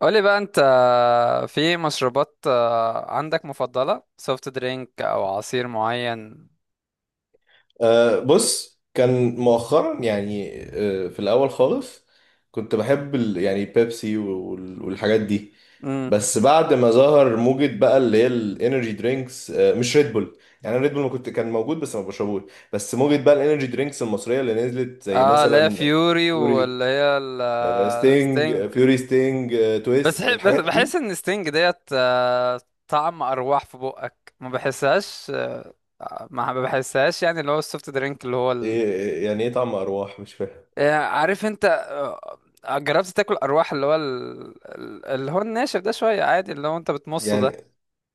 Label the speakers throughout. Speaker 1: قولي بقى انت. في مشروبات، عندك مفضلة سوفت درينك او عصير معين؟
Speaker 2: بص كان مؤخرا، يعني في الأول خالص، كنت بحب ال، يعني بيبسي وال- والحاجات دي.
Speaker 1: امم.
Speaker 2: بس بعد ما ظهر موجة بقى اللي هي الانرجي درينكس، مش ريد بول، يعني ريد بول ما كنت كان موجود بس ما بشربوش. بس موجة بقى الانرجي درينكس المصرية اللي نزلت، زي
Speaker 1: اه، لا،
Speaker 2: مثلا
Speaker 1: فيوري
Speaker 2: فيوري،
Speaker 1: واللي هي
Speaker 2: ستينج،
Speaker 1: الستينج.
Speaker 2: فيوري، ستينج،
Speaker 1: بس
Speaker 2: تويست،
Speaker 1: ح- بس
Speaker 2: الحاجات
Speaker 1: بحس
Speaker 2: دي.
Speaker 1: ان ستينج ديت، طعم ارواح في بقك ما بحسهاش، ما بحسهاش. يعني اللي هو السوفت درينك اللي هو ال...
Speaker 2: إيه يعني ايه طعم أرواح؟ مش فاهم.
Speaker 1: يعني عارف انت، جربت تاكل ارواح اللي هو ال... اللي هو الناشف ده شوية عادي اللي هو انت بتمصه ده.
Speaker 2: يعني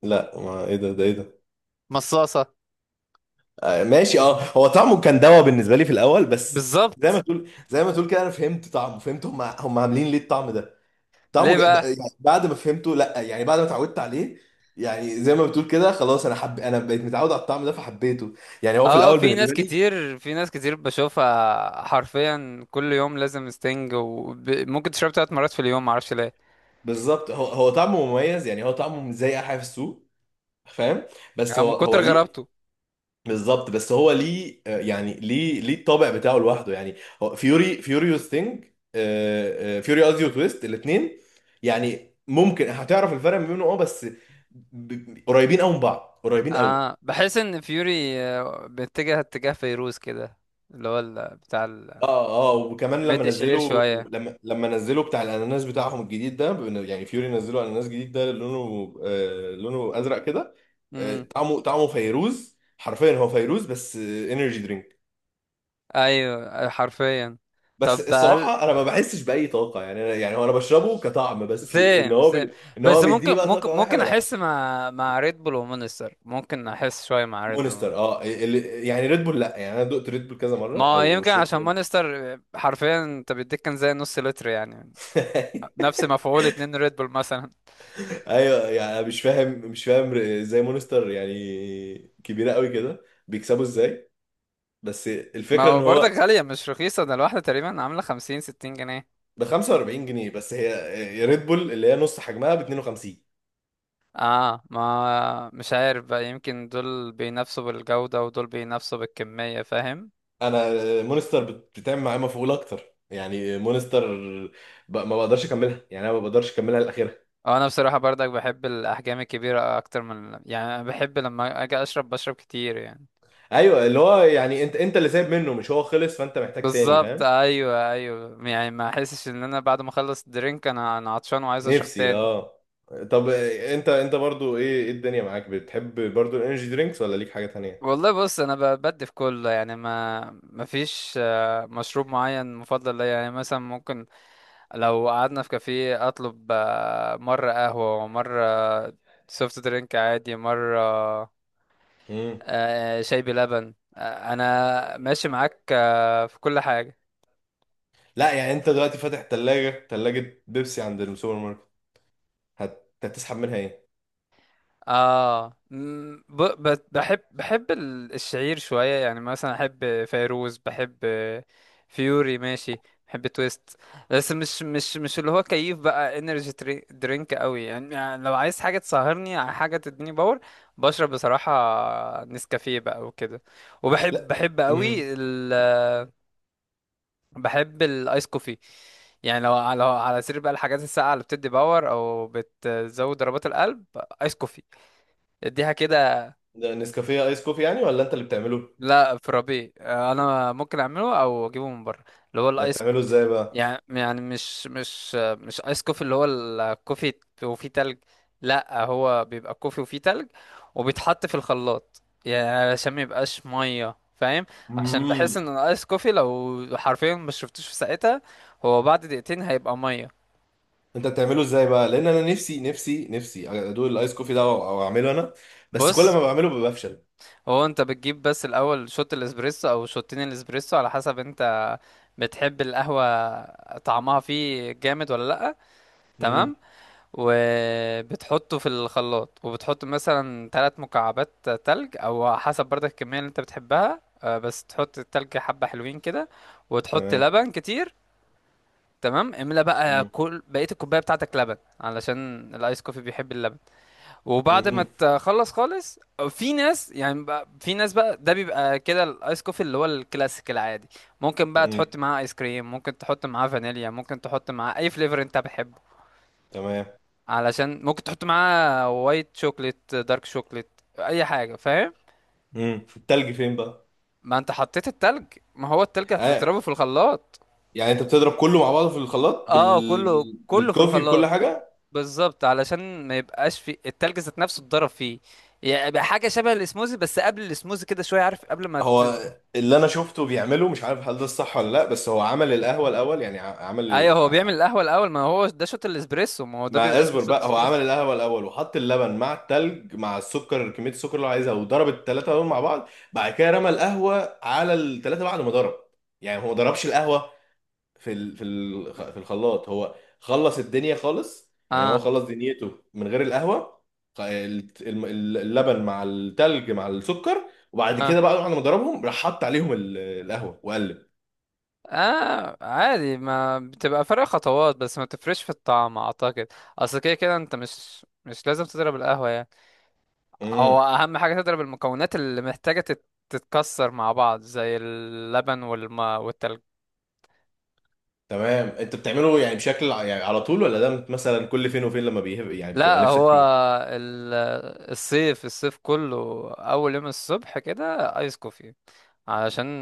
Speaker 2: لا ما ايه ده ده ايه ده؟
Speaker 1: مصاصة.
Speaker 2: آه، ماشي. اه هو طعمه كان دوا بالنسبه لي في الاول، بس
Speaker 1: بالظبط.
Speaker 2: زي ما تقول كده، انا فهمت طعمه، فهمت هم عاملين ليه الطعم ده. طعمه
Speaker 1: ليه
Speaker 2: جا...
Speaker 1: بقى؟
Speaker 2: يعني بعد ما اتعودت عليه، يعني زي ما بتقول كده، خلاص، انا بقيت متعود على الطعم ده فحبيته. يعني هو في
Speaker 1: اه،
Speaker 2: الاول بالنسبه لي.
Speaker 1: في ناس كتير بشوفها حرفيا كل يوم لازم ستينج، وممكن تشرب 3 مرات في اليوم، معرفش ليه.
Speaker 2: بالظبط، هو طعمه مميز، يعني هو طعمه مش زي اي حاجه في السوق، فاهم؟ بس
Speaker 1: اه، من
Speaker 2: هو
Speaker 1: كتر
Speaker 2: ليه؟
Speaker 1: غرابته.
Speaker 2: بالظبط، بس هو ليه؟ يعني ليه الطابع بتاعه لوحده يعني؟ هو فيوري فيوريوس ثينج فيوري قصدي وتويست، الاثنين يعني ممكن هتعرف الفرق ما بينهم، اه، بس قريبين قوي من بعض، قريبين قوي.
Speaker 1: اه، بحس ان فيوري بيتجه اتجاه فيروز كده، اللي هو بتاع
Speaker 2: اه، اه، وكمان لما
Speaker 1: المد الشهير
Speaker 2: نزلوا،
Speaker 1: شوية.
Speaker 2: لما نزلوا بتاع الاناناس بتاعهم الجديد ده، يعني فيوري نزلوا اناناس جديد ده لونه، آه، لونه ازرق كده. آه،
Speaker 1: امم.
Speaker 2: طعمه فيروز حرفيا، هو فيروز بس انرجي درينك.
Speaker 1: ايوه، حرفيا.
Speaker 2: بس
Speaker 1: طب بقى،
Speaker 2: الصراحه، انا ما بحسش باي طاقه، يعني انا، يعني هو، انا بشربه كطعم بس، ان
Speaker 1: سيم
Speaker 2: هو
Speaker 1: سيم.
Speaker 2: بي... ان
Speaker 1: بس
Speaker 2: هو بيديني
Speaker 1: ممكن
Speaker 2: بقى طاقه او اي حاجه، لا.
Speaker 1: احس مع ريد بول ومونستر، ممكن احس شوية مع ريد بول.
Speaker 2: مونستر، اللي... يعني ريد بول لا، يعني انا دقت ريد بول كذا مره
Speaker 1: ما هو
Speaker 2: او
Speaker 1: يمكن
Speaker 2: شربت
Speaker 1: عشان مانستر حرفيا انت بيديك كان زي نص لتر يعني، نفس مفعول 2 ريد بول مثلا.
Speaker 2: ايوه، يعني أنا مش فاهم ازاي مونستر يعني كبيره قوي كده، بيكسبوا ازاي؟ بس
Speaker 1: ما
Speaker 2: الفكره
Speaker 1: هو
Speaker 2: ان
Speaker 1: برضك
Speaker 2: هو
Speaker 1: غالية، مش رخيصة، ده الواحدة تقريبا عاملة 50 60 جنيه.
Speaker 2: ب 45 جنيه بس، هي ريد بول اللي هي نص حجمها ب 52.
Speaker 1: اه، ما مش عارف بقى، يمكن دول بينافسوا بالجودة ودول بينافسوا بالكمية، فاهم؟
Speaker 2: انا مونستر بتعمل معايا مفعول اكتر، يعني مونستر ب... ما بقدرش اكملها، يعني انا ما بقدرش اكملها لاخرها.
Speaker 1: اه، انا بصراحة برضك بحب الاحجام الكبيرة اكتر من يعني، أنا بحب لما اجي اشرب بشرب كتير يعني.
Speaker 2: ايوه، اللي هو يعني انت اللي سايب منه، مش هو خلص، فانت محتاج تاني،
Speaker 1: بالظبط،
Speaker 2: فاهم؟
Speaker 1: ايوه، ايوه. يعني ما احسش ان انا بعد ما اخلص الدرينك انا عطشان وعايز اشرب
Speaker 2: نفسي،
Speaker 1: تاني.
Speaker 2: اه. طب انت، برضو ايه؟ الدنيا معاك؟ بتحب برضو الانرجي درينكس، ولا ليك حاجة تانية؟
Speaker 1: والله بص، انا بدي في كله يعني، ما فيش مشروب معين مفضل ليا. يعني مثلا ممكن لو قعدنا في كافيه اطلب مره قهوه ومره سوفت درينك عادي، مره
Speaker 2: امم.
Speaker 1: شاي بلبن، انا ماشي معاك في كل حاجه.
Speaker 2: لا يعني، انت دلوقتي فاتح تلاجة، تلاجة بيبسي عند السوبر ماركت، هتسحب منها ايه؟
Speaker 1: اه م، ب... ب... بحب بحب الشعير شوية، يعني مثلا احب فيروز، بحب فيوري ماشي، بحب تويست. بس مش اللي هو كيف بقى انرجي درينك قوي يعني. يعني لو عايز حاجة تسهرني، على حاجة تديني باور، بشرب بصراحة نسكافيه بقى وكده.
Speaker 2: لا.
Speaker 1: بحب
Speaker 2: امم.
Speaker 1: قوي ال... بحب الايس كوفي. يعني لو على سير بقى الحاجات الساقعة اللي بتدي باور او بتزود ضربات القلب، ايس كوفي، اديها كده.
Speaker 2: ده نسكافيه ايس كوفي يعني، ولا انت اللي بتعمله؟
Speaker 1: لا، في ربيع انا ممكن اعمله او اجيبه من بره، اللي هو
Speaker 2: ده
Speaker 1: الايس.
Speaker 2: بتعمله ازاي بقى؟
Speaker 1: مش ايس كوفي اللي هو الكوفي وفيه تلج. لا، هو بيبقى كوفي وفيه تلج وبيتحط في الخلاط يعني، علشان ما يبقاش ميه، فاهم؟ عشان بحس
Speaker 2: مم.
Speaker 1: ان الايس كوفي لو حرفيا ما شربتوش في ساعتها هو بعد دقيقتين هيبقى ميه.
Speaker 2: انت بتعمله ازاي بقى؟ لان انا نفسي ادوق الايس كوفي ده، او اعمله انا، بس كل
Speaker 1: بص،
Speaker 2: ما بعمله بفشل.
Speaker 1: هو انت بتجيب بس الاول شوت الاسبريسو او شوتين الاسبريسو، على حسب انت بتحب القهوة طعمها فيه جامد ولا لأ.
Speaker 2: امم.
Speaker 1: تمام. وبتحطه في الخلاط، وبتحط مثلا 3 مكعبات تلج او حسب برضك الكمية اللي انت بتحبها، بس تحط التلج حبة حلوين كده، وتحط
Speaker 2: تمام.
Speaker 1: لبن كتير. تمام، املى بقى
Speaker 2: امم.
Speaker 1: كل بقية الكوباية بتاعتك لبن، علشان الايس كوفي بيحب اللبن. وبعد ما
Speaker 2: امم.
Speaker 1: تخلص خالص، في ناس بقى، ده بيبقى كده الايس كوفي اللي هو الكلاسيك العادي. ممكن بقى
Speaker 2: امم.
Speaker 1: تحط معاه ايس كريم، ممكن تحط معاه فانيليا، ممكن تحط معاه اي فليفر انت بتحبه.
Speaker 2: تمام.
Speaker 1: علشان ممكن تحط معاه وايت شوكليت، دارك شوكليت، اي حاجه، فاهم؟
Speaker 2: امم، التلج فين بقى؟
Speaker 1: ما انت حطيت التلج، ما هو التلج هتضربه
Speaker 2: آه.
Speaker 1: في الخلاط.
Speaker 2: يعني انت بتضرب كله مع بعضه في الخلاط،
Speaker 1: اه، كله كله في
Speaker 2: بالكوفي، بكل
Speaker 1: الخلاط،
Speaker 2: حاجه؟
Speaker 1: بالظبط، علشان ما يبقاش في التلج ذات نفسه اتضرب فيه. يعني يبقى حاجه شبه الاسموزي، بس قبل الاسموزي كده شويه، عارف؟ قبل ما ت...
Speaker 2: هو اللي انا شفته بيعمله مش عارف هل ده الصح ولا لا، بس هو عمل القهوه الاول، يعني عمل،
Speaker 1: ايوه، هو بيعمل القهوه الاول، ما هو ده شوت الاسبريسو، ما هو ده بيبقى
Speaker 2: ما
Speaker 1: اسمه
Speaker 2: اصبر
Speaker 1: شوت
Speaker 2: بقى، هو عمل
Speaker 1: اسبريسو.
Speaker 2: القهوه الاول، وحط اللبن مع التلج مع السكر، كميه السكر اللي هو عايزها، وضرب الثلاثه دول مع بعض. بعد كده رمى القهوه على الثلاثه بعد ما ضرب. يعني هو ما ضربش القهوه في الخلاط. هو خلص الدنيا خالص، يعني هو
Speaker 1: اه،
Speaker 2: خلص دنيته من غير القهوه. خ- ال- الم- اللبن مع التلج مع السكر، وبعد
Speaker 1: اه،
Speaker 2: كده بقى بعد ما ضربهم، راح حط عليهم القهوه وقلب.
Speaker 1: اه، عادي، ما بتبقى فرق خطوات بس ما بتفرقش في الطعم اعتقد. اصل كده كده انت مش مش لازم تضرب القهوه يعني. هو
Speaker 2: امم.
Speaker 1: اهم حاجه تضرب المكونات اللي محتاجه تتكسر مع بعض زي اللبن والماء والتلج.
Speaker 2: تمام. انت بتعمله يعني بشكل يعني على طول، ولا ده مثلا كل فين وفين لما بيهب، يعني بتبقى
Speaker 1: لا،
Speaker 2: نفسك فيه؟
Speaker 1: ال- الصيف الصيف كله، اول يوم الصبح كده ايس كوفي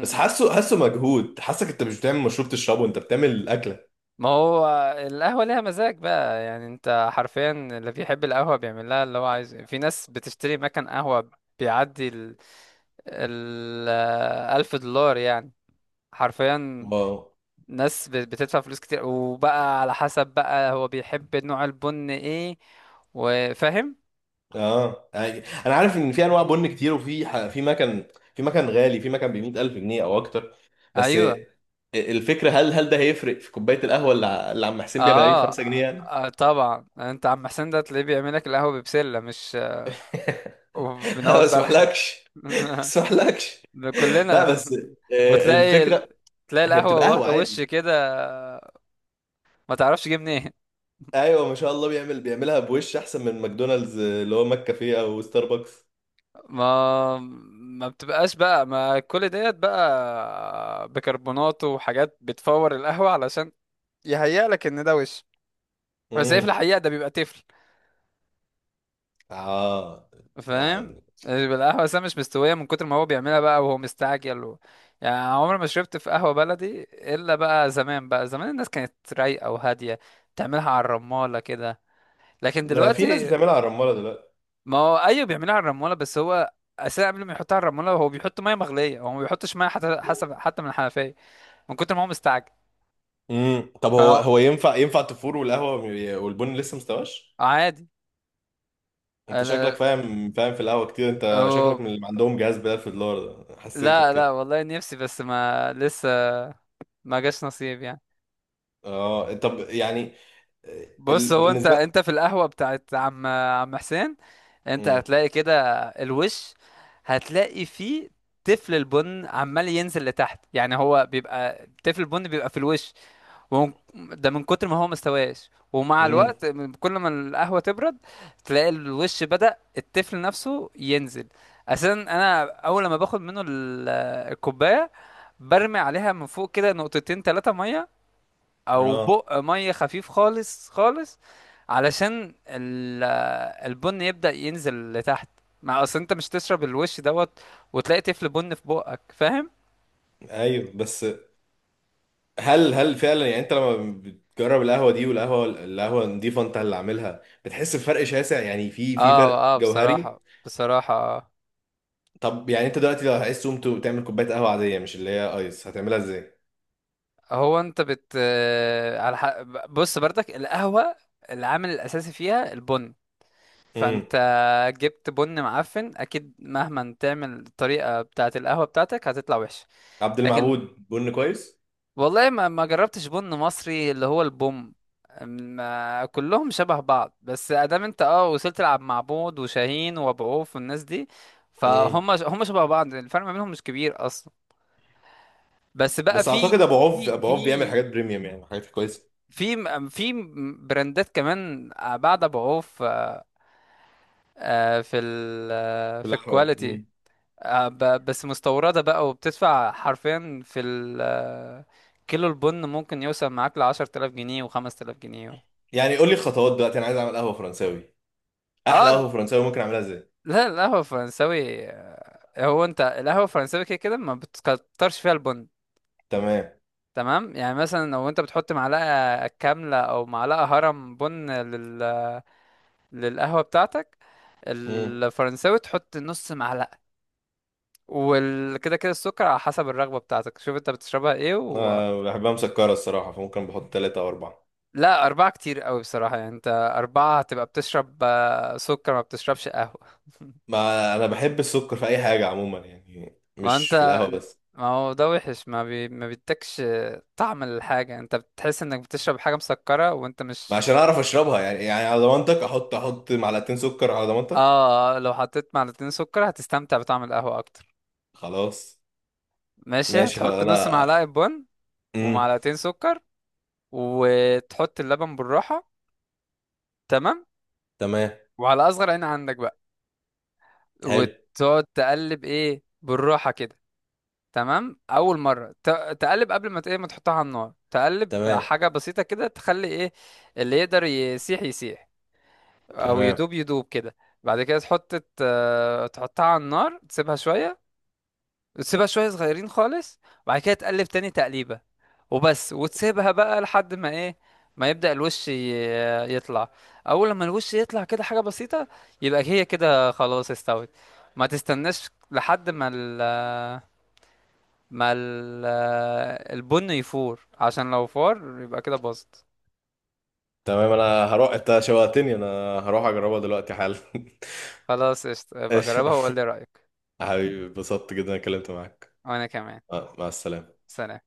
Speaker 2: بس حاسه مجهود، حاسك انت مش بتعمل مشروب تشربه، انت بتعمل الاكله.
Speaker 1: ما هو القهوة ليها مزاج بقى يعني، انت حرفيا اللي بيحب القهوة بيعمل لها اللي هو عايزه. في ناس بتشتري مكان قهوة بيعدي ال ال 1000 دولار يعني، حرفيا.
Speaker 2: واو.
Speaker 1: ناس بتدفع فلوس كتير، وبقى على حسب بقى هو بيحب نوع البن ايه، وفاهم.
Speaker 2: اه يعني، انا عارف ان في انواع بن كتير، وفي في مكان غالي، في مكان ب 100,000 جنيه او اكتر. بس
Speaker 1: ايوه،
Speaker 2: الفكره، هل ده هيفرق في كوبايه القهوه اللي اللي عم حسين بيعملها لي ب
Speaker 1: اه،
Speaker 2: 5 جنيه يعني؟
Speaker 1: طبعا انت عم حسين ده تلاقيه بيعمل لك القهوة ببسلة، مش
Speaker 2: ما
Speaker 1: وبنوت بلح.
Speaker 2: اسمحلكش. ما اسمحلكش. لا
Speaker 1: كلنا
Speaker 2: بس، آه،
Speaker 1: وتلاقي
Speaker 2: الفكره،
Speaker 1: ال... تلاقي
Speaker 2: هي بتبقى
Speaker 1: القهوة
Speaker 2: قهوه
Speaker 1: واخدة
Speaker 2: عادي.
Speaker 1: وش كده، ما تعرفش جه منين.
Speaker 2: ايوه، ما شاء الله، بيعملها بوش احسن من ماكدونالدز، آه، اللي هو ماك كافيه او ستاربكس.
Speaker 1: ما ما بتبقاش بقى ما كل ديت بقى بيكربونات وحاجات بتفور القهوة، علشان يهيأ لك ان ده وش، بس هي في الحقيقة ده بيبقى تفل،
Speaker 2: اه.
Speaker 1: فاهم؟
Speaker 2: آه.
Speaker 1: بيبقى القهوة أساسا مش مستوية، من كتر ما هو بيعملها بقى وهو مستعجل و... يعني عمري ما شربت في قهوة بلدي، إلا بقى زمان، بقى زمان الناس كانت رايقة وهادية، تعملها على الرمالة كده. لكن
Speaker 2: ما في ناس
Speaker 1: دلوقتي،
Speaker 2: بتعملها على الرمالة دلوقتي.
Speaker 1: ما هو ايوه بيعملها على الرموله، بس هو اساسا قبل ما يحطها على الرموله هو بيحط ميه مغليه، هو ما بيحطش ميه حتى، حسب، حتى من الحنفيه، من كتر ما هو مستعجل.
Speaker 2: امم، طب هو،
Speaker 1: فانا
Speaker 2: ينفع التفور والقهوة والبن لسه مستواش؟
Speaker 1: عادي. لا
Speaker 2: انت
Speaker 1: لا،
Speaker 2: شكلك فاهم في القهوة كتير، انت شكلك
Speaker 1: هو-
Speaker 2: من اللي عندهم جهاز بدل في الدولار ده، حسيتك
Speaker 1: لا، لا،
Speaker 2: كده.
Speaker 1: والله نفسي، بس ما لسه ما جاش نصيب يعني.
Speaker 2: اه، طب يعني، آه،
Speaker 1: بص،
Speaker 2: ال...
Speaker 1: هو انت
Speaker 2: بالنسبة.
Speaker 1: في القهوه بتاعت عم حسين انت
Speaker 2: امم.
Speaker 1: هتلاقي كده الوش. هتلاقي فيه تفل البن عمال ينزل لتحت، يعني هو بيبقى تفل البن بيبقى في الوش، وهو ده من كتر ما هو مستواش. ومع
Speaker 2: امم.
Speaker 1: الوقت كل ما القهوة تبرد تلاقي الوش بدأ التفل نفسه ينزل. اساسا انا اول لما باخد منه الكوباية، برمي عليها من فوق كده نقطتين ثلاثة مية، او
Speaker 2: اه،
Speaker 1: بق مية خفيف خالص خالص، علشان البن يبدأ ينزل لتحت، مع اصل انت مش تشرب الوش دوت وتلاقي تفل بن في بقك، فاهم؟
Speaker 2: ايوه، بس هل فعلا يعني، انت لما بتجرب القهوة دي والقهوة، النضيفة انت اللي عاملها، بتحس بفرق شاسع؟ يعني في
Speaker 1: اه،
Speaker 2: فرق
Speaker 1: اه،
Speaker 2: جوهري؟
Speaker 1: بصراحة، بصراحة آه.
Speaker 2: طب يعني، انت دلوقتي لو عايز تقوم تعمل كوبايه قهوه عاديه مش اللي هي ايس، هتعملها ازاي؟
Speaker 1: هو انت بت على ح... بص برضك القهوة العامل الأساسي فيها البن.
Speaker 2: امم،
Speaker 1: فانت جبت بن معفن، أكيد مهما تعمل الطريقة بتاعة القهوة بتاعتك هتطلع وحشة.
Speaker 2: عبد
Speaker 1: لكن
Speaker 2: المعبود بن كويس.
Speaker 1: والله ما ما جربتش بن مصري اللي هو البوم ما كلهم شبه بعض، بس ادام انت اه وصلت تلعب مع بود وشاهين وابو عوف والناس دي،
Speaker 2: امم،
Speaker 1: فهم هم شبه بعض، الفرق ما بينهم مش كبير اصلا. بس بقى
Speaker 2: بس اعتقد ابو عوف،
Speaker 1: في
Speaker 2: ابو
Speaker 1: في
Speaker 2: عوف بيعمل حاجات بريميوم، يعني حاجات كويسه.
Speaker 1: في براندات كمان بعد بعوف في في ال في
Speaker 2: كلها حلوه.
Speaker 1: الكواليتي.
Speaker 2: امم.
Speaker 1: ب- بس مستوردة بقى، وبتدفع حرفيا في ال كيلو البن ممكن يوصل معاك ل 10000 جنيه و 5 تلاف جنيه.
Speaker 2: يعني قول لي الخطوات دلوقتي، انا عايز اعمل قهوه فرنساوي، احلى
Speaker 1: اه،
Speaker 2: قهوه فرنساوي ممكن اعملها ازاي؟
Speaker 1: لا، القهوة الفرنساوي هو انت القهوة الفرنساوي كده كده ما بتكترش فيها البن.
Speaker 2: تمام.
Speaker 1: تمام، يعني مثلا لو انت بتحط معلقة كاملة او معلقة هرم بن لل للقهوة بتاعتك
Speaker 2: امم.
Speaker 1: الفرنساوي، تحط نص معلقة. وكده كده السكر على حسب الرغبة بتاعتك، شوف انت بتشربها ايه و...
Speaker 2: أه بحبها مسكره الصراحه، فممكن بحط 3 او 4.
Speaker 1: لا، أربعة كتير قوي بصراحة يعني انت، أربعة هتبقى بتشرب سكر، ما بتشربش قهوة.
Speaker 2: ما انا بحب السكر في اي حاجه عموما، يعني
Speaker 1: ما
Speaker 2: مش في
Speaker 1: انت،
Speaker 2: القهوه بس.
Speaker 1: ما هو ده وحش، ما بي... ما بيدكش طعم الحاجة، انت بتحس انك بتشرب حاجة مسكرة وانت
Speaker 2: ما
Speaker 1: مش.
Speaker 2: عشان اعرف اشربها، يعني يعني على ضمانتك، احط 2 معلقتين سكر على ضمانتك.
Speaker 1: اه، لو حطيت معلقتين سكر هتستمتع بطعم القهوة اكتر.
Speaker 2: خلاص.
Speaker 1: ماشي،
Speaker 2: ماشي، خلاص،
Speaker 1: هتحط نص معلقة
Speaker 2: انا.
Speaker 1: بن
Speaker 2: امم.
Speaker 1: ومعلقتين سكر، وتحط اللبن بالراحة. تمام،
Speaker 2: تمام.
Speaker 1: وعلى أصغر عين عندك بقى،
Speaker 2: حلو.
Speaker 1: وتقعد تقلب إيه بالراحة كده. تمام، أول مرة تقلب قبل ما إيه، ما تحطها على النار، تقلب
Speaker 2: تمام.
Speaker 1: حاجة بسيطة كده تخلي إيه اللي يقدر يسيح يسيح، أو
Speaker 2: تمام.
Speaker 1: يدوب يدوب كده. بعد كده تحط تحطها على النار تسيبها شوية، تسيبها شوية صغيرين خالص، وبعد كده تقلب تاني تقليبة، وبس، وتسيبها بقى لحد ما ايه ما يبدأ الوش يطلع. اول لما الوش يطلع كده حاجة بسيطة يبقى هي كده خلاص استوت، ما تستناش لحد ما ال البن يفور، عشان لو فار يبقى كده باظت.
Speaker 2: تمام، انا هروح، انت شوقتني، انا هروح اجربها دلوقتي حالا.
Speaker 1: خلاص، قشطة، يبقى
Speaker 2: ايش.
Speaker 1: جربها وقول لي رأيك.
Speaker 2: حبيبي، اتبسطت جدا إني اتكلمت معاك.
Speaker 1: وانا كمان.
Speaker 2: آه، مع السلامة.
Speaker 1: سلام.